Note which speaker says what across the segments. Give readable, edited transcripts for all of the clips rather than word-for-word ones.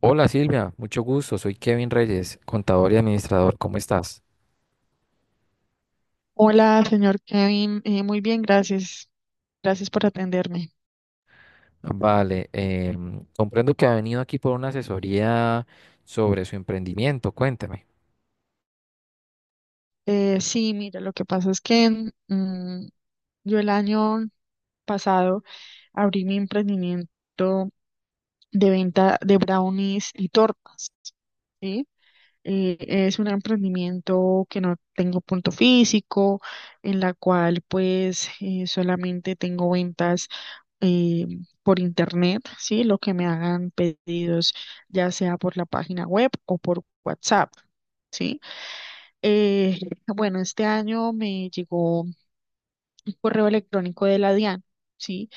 Speaker 1: Hola, Silvia, mucho gusto. Soy Kevin Reyes, contador y administrador. ¿Cómo estás?
Speaker 2: Hola, señor Kevin. Muy bien, gracias. Gracias por atenderme.
Speaker 1: Vale, comprendo que ha venido aquí por una asesoría sobre su emprendimiento. Cuénteme.
Speaker 2: Sí, mira, lo que pasa es que yo el año pasado abrí mi emprendimiento de venta de brownies y tortas, ¿sí? Eh, es un emprendimiento que no tengo punto físico, en la cual pues solamente tengo ventas eh, por internet, ¿sí? Lo que me hagan pedidos, ya sea por la página web o por WhatsApp, ¿sí? Eh, bueno, este año me llegó un correo electrónico de la DIAN, ¿sí?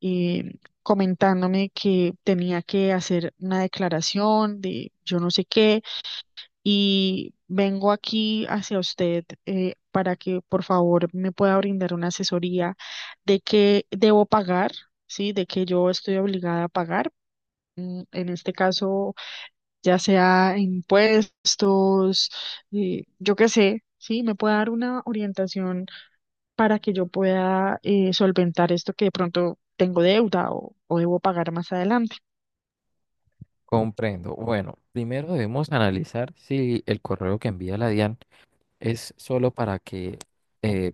Speaker 2: Eh, Comentándome que tenía que hacer una declaración de yo no sé qué y vengo aquí hacia usted para que por favor me pueda brindar una asesoría de qué debo pagar, ¿sí? De que yo estoy obligada a pagar en este caso, ya sea impuestos, yo qué sé, sí, me puede dar una orientación para que yo pueda solventar esto que de pronto tengo deuda o debo pagar más adelante.
Speaker 1: Comprendo. Bueno, primero debemos analizar si el correo que envía la DIAN es solo para que eh,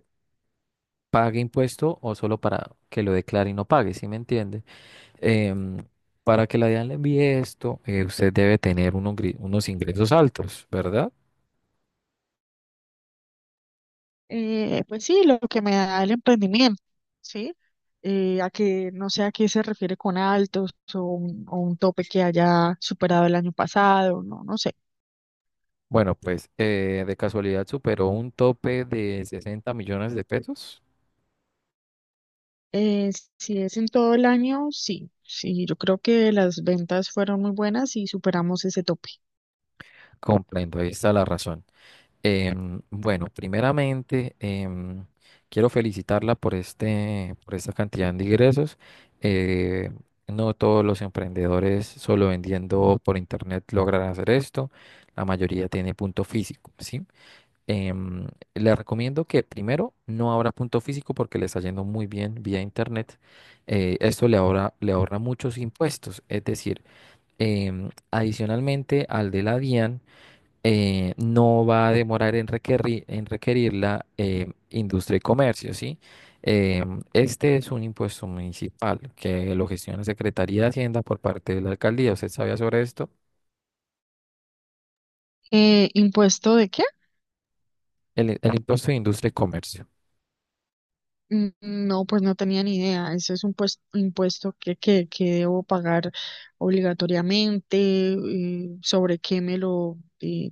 Speaker 1: pague impuesto o solo para que lo declare y no pague, ¿sí me entiende? Em, para que la DIAN le envíe esto, usted debe tener unos ingresos altos, ¿verdad?
Speaker 2: Pues sí, lo que me da el emprendimiento, ¿sí? A que no sé a qué se refiere con altos o un tope que haya superado el año pasado, no sé.
Speaker 1: Bueno, pues de casualidad superó un tope de 60 millones de pesos.
Speaker 2: Eh, si es en todo el año, sí, sí, yo creo que las ventas fueron muy buenas y superamos ese tope.
Speaker 1: Comprendo, ahí está la razón. Bueno, primeramente quiero felicitarla por por esta cantidad de ingresos. Eh, no todos los emprendedores solo vendiendo por internet logran hacer esto. La mayoría tiene punto físico, ¿sí? Em, Les recomiendo que primero no abra punto físico porque le está yendo muy bien vía internet. Esto le ahorra muchos impuestos. Es decir, adicionalmente al de la DIAN, no va a demorar en requerir, la industria y comercio, ¿sí? Este es un impuesto municipal que lo gestiona la Secretaría de Hacienda por parte de la alcaldía. ¿Usted sabía sobre esto?
Speaker 2: ¿Impuesto de qué?
Speaker 1: El impuesto de industria y comercio.
Speaker 2: No, pues no tenía ni idea. Eso es un impuesto que debo pagar obligatoriamente, sobre qué me lo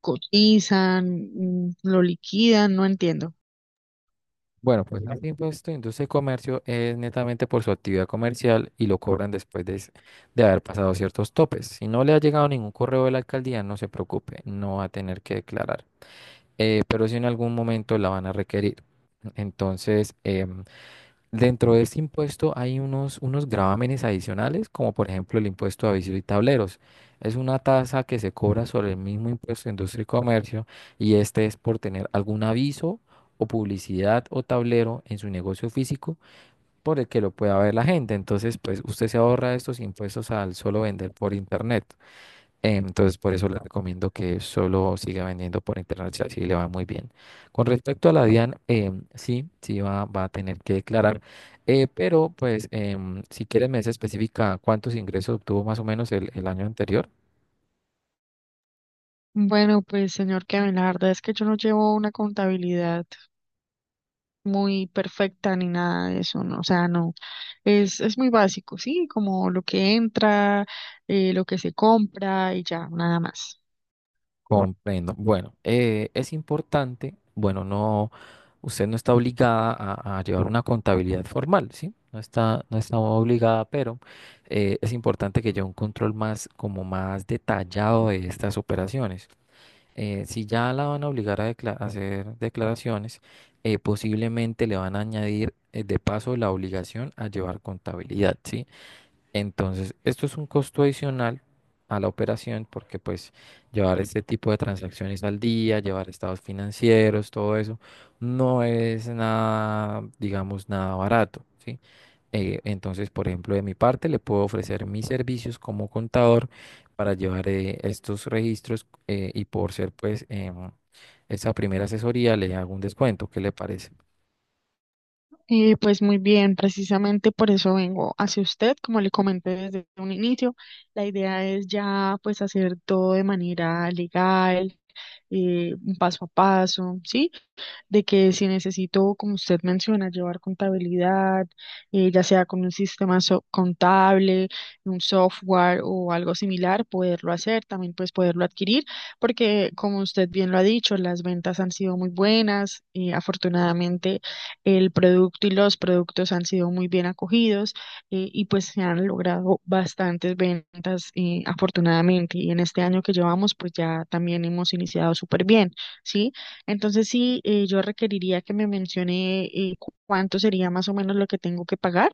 Speaker 2: cotizan, lo liquidan, no entiendo.
Speaker 1: Bueno, pues más impuesto pues, industria y comercio es netamente por su actividad comercial y lo cobran de haber pasado ciertos topes. Si no le ha llegado ningún correo de la alcaldía, no se preocupe, no va a tener que declarar. Pero si en algún momento la van a requerir. Entonces, dentro de este impuesto hay unos gravámenes adicionales, como por ejemplo el impuesto a avisos y tableros. Es una tasa que se cobra sobre el mismo impuesto de industria y comercio, y este es por tener algún aviso o publicidad o tablero en su negocio físico por el que lo pueda ver la gente. Entonces, pues usted se ahorra estos impuestos al solo vender por internet. Entonces, por eso le recomiendo que solo siga vendiendo por internet, si así le va muy bien. Con respecto a la DIAN, sí, va a tener que declarar, pero pues si quieres me dice específica cuántos ingresos obtuvo más o menos el año anterior.
Speaker 2: Bueno, pues señor Kevin, la verdad es que yo no llevo una contabilidad muy perfecta ni nada de eso, ¿no? O sea, no, es muy básico, sí, como lo que entra, lo que se compra y ya, nada más.
Speaker 1: Comprendo. Bueno, es importante, usted no está obligada a llevar una contabilidad formal, ¿sí? No está obligada, pero es importante que lleve un control más, como más detallado de estas operaciones. Si ya la van a obligar a a hacer declaraciones, posiblemente le van a añadir de paso la obligación a llevar contabilidad, ¿sí? Entonces, esto es un costo adicional a la operación, porque pues llevar este tipo de transacciones al día, llevar estados financieros, todo eso, no es nada, digamos, nada barato, ¿sí? Entonces, por ejemplo, de mi parte, le puedo ofrecer mis servicios como contador para llevar estos registros y por ser pues esa primera asesoría le hago un descuento. ¿Qué le parece?
Speaker 2: Pues muy bien, precisamente por eso vengo hacia usted, como le comenté desde un inicio, la idea es ya pues hacer todo de manera legal, un paso a paso, ¿sí? De que si necesito, como usted menciona, llevar contabilidad, ya sea con un contable, un software o algo similar, poderlo hacer, también pues poderlo adquirir, porque como usted bien lo ha dicho, las ventas han sido muy buenas, y afortunadamente el producto y los productos han sido muy bien acogidos y pues se han logrado bastantes ventas afortunadamente y en este año que llevamos pues ya también hemos iniciado súper bien, ¿sí? Entonces sí, yo requeriría que me mencione cuánto sería más o menos lo que tengo que pagar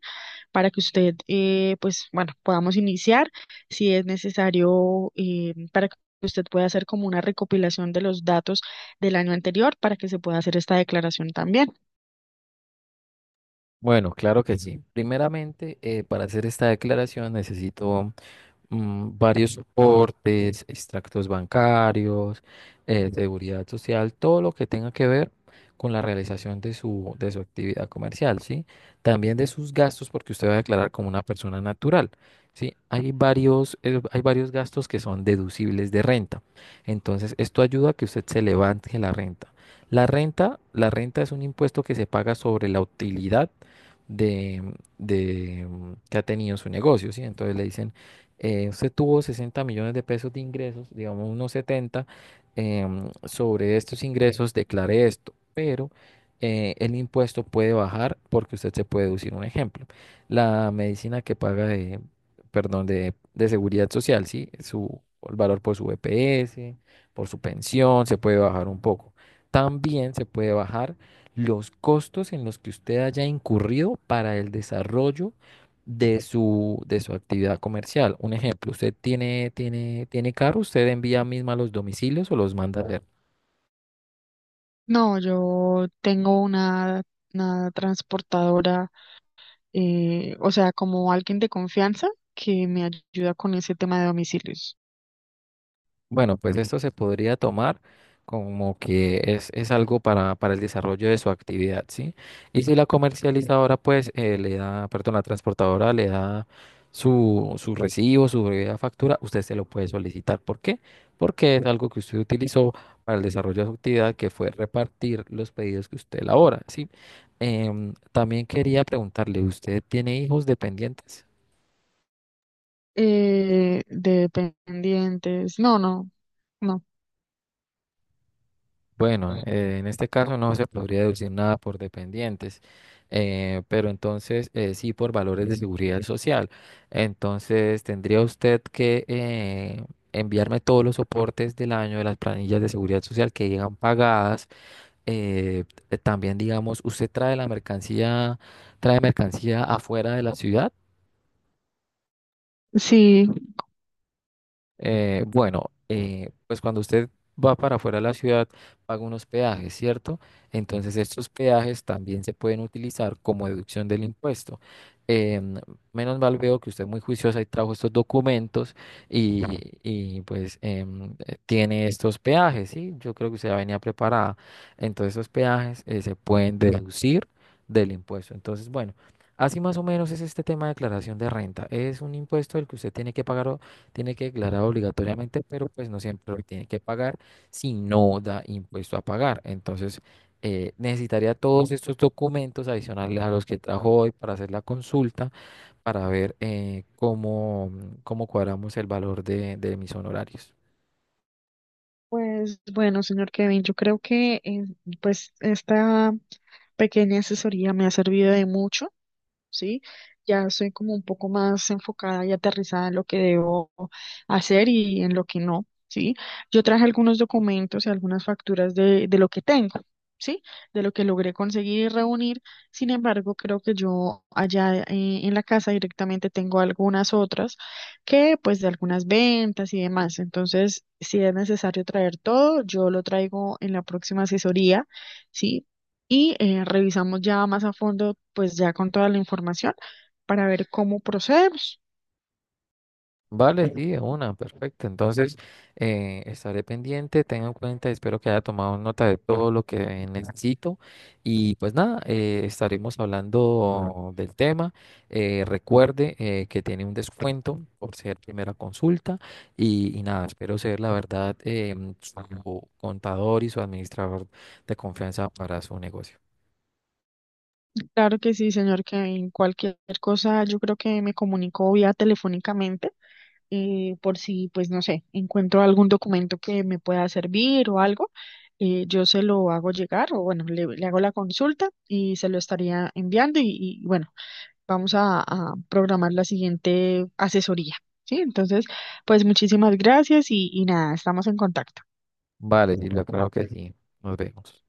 Speaker 2: para que usted, pues bueno, podamos iniciar si es necesario para que usted pueda hacer como una recopilación de los datos del año anterior para que se pueda hacer esta declaración también.
Speaker 1: Bueno, claro que sí. Primeramente, para hacer esta declaración necesito varios soportes, extractos bancarios, seguridad social, todo lo que tenga que ver con la realización de de su actividad comercial, ¿sí? También de sus gastos, porque usted va a declarar como una persona natural, ¿sí? Hay varios gastos que son deducibles de renta. Entonces, esto ayuda a que usted se levante la renta. La renta es un impuesto que se paga sobre la utilidad de, que ha tenido su negocio, ¿sí? Entonces le dicen usted tuvo 60 millones de pesos de ingresos, digamos unos 70, sobre estos ingresos declare esto, pero el impuesto puede bajar porque usted se puede deducir un ejemplo. La medicina que paga perdón, de seguridad social, ¿sí? Su, el valor por su EPS, por su pensión, se puede bajar un poco. También se puede bajar los costos en los que usted haya incurrido para el desarrollo de de su actividad comercial. Un ejemplo, usted tiene carro, usted envía misma los domicilios o los manda a hacer.
Speaker 2: No, yo tengo una transportadora, o sea, como alguien de confianza que me ayuda con ese tema de domicilios.
Speaker 1: Bueno, pues esto se podría tomar como que es algo para el desarrollo de su actividad, ¿sí? Y si la comercializadora, pues, le da, perdón, la transportadora le da su recibo, su breve factura, usted se lo puede solicitar. ¿Por qué? Porque es algo que usted utilizó para el desarrollo de su actividad, que fue repartir los pedidos que usted elabora, ¿sí? También quería preguntarle, ¿usted tiene hijos dependientes?
Speaker 2: Dependientes. No, no, no.
Speaker 1: Bueno, en este caso no se podría deducir nada por dependientes, pero entonces sí por valores de seguridad social. Entonces tendría usted que enviarme todos los soportes del año de las planillas de seguridad social que llegan pagadas. eh, también, digamos, usted trae la mercancía, trae mercancía afuera de la ciudad.
Speaker 2: Sí,
Speaker 1: Bueno, pues cuando usted va para afuera de la ciudad, paga unos peajes, ¿cierto? Entonces estos peajes también se pueden utilizar como deducción del impuesto. Em, menos mal veo que usted es muy juiciosa y trajo estos documentos y, pues tiene estos peajes, ¿sí? Yo creo que usted ya venía preparada. Entonces esos peajes se pueden deducir del impuesto. Entonces, bueno, así más o menos es este tema de declaración de renta. Es un impuesto el que usted tiene que pagar, tiene que declarar obligatoriamente, pero pues no siempre lo tiene que pagar si no da impuesto a pagar. Entonces, necesitaría todos estos documentos adicionales a los que trajo hoy para hacer la consulta, para ver cómo, cómo cuadramos el valor de mis honorarios.
Speaker 2: pues bueno, señor Kevin, yo creo que pues esta pequeña asesoría me ha servido de mucho. ¿Sí? Ya soy como un poco más enfocada y aterrizada en lo que debo hacer y en lo que no, ¿sí? Yo traje algunos documentos y algunas facturas de lo que tengo. ¿Sí? De lo que logré conseguir y reunir. Sin embargo, creo que yo allá en la casa directamente tengo algunas otras que pues de algunas ventas y demás. Entonces, si es necesario traer todo, yo lo traigo en la próxima asesoría, ¿sí? Y revisamos ya más a fondo, pues ya con toda la información para ver cómo procedemos.
Speaker 1: Vale, sí, de una, perfecto. Entonces, estaré pendiente, tengo en cuenta, espero que haya tomado nota de todo lo que necesito. Y pues nada, estaremos hablando del tema. Recuerde que tiene un descuento por ser primera consulta. Y nada, espero ser la verdad, su contador y su administrador de confianza para su negocio.
Speaker 2: Claro que sí, señor, que en cualquier cosa yo creo que me comunico vía telefónicamente por si, pues no sé, encuentro algún documento que me pueda servir o algo, yo se lo hago llegar o bueno, le hago la consulta y se lo estaría enviando bueno, a programar la siguiente asesoría, ¿sí? Entonces, pues muchísimas gracias y nada, estamos en contacto.
Speaker 1: Vale, Silvia, claro que sí. Nos vemos.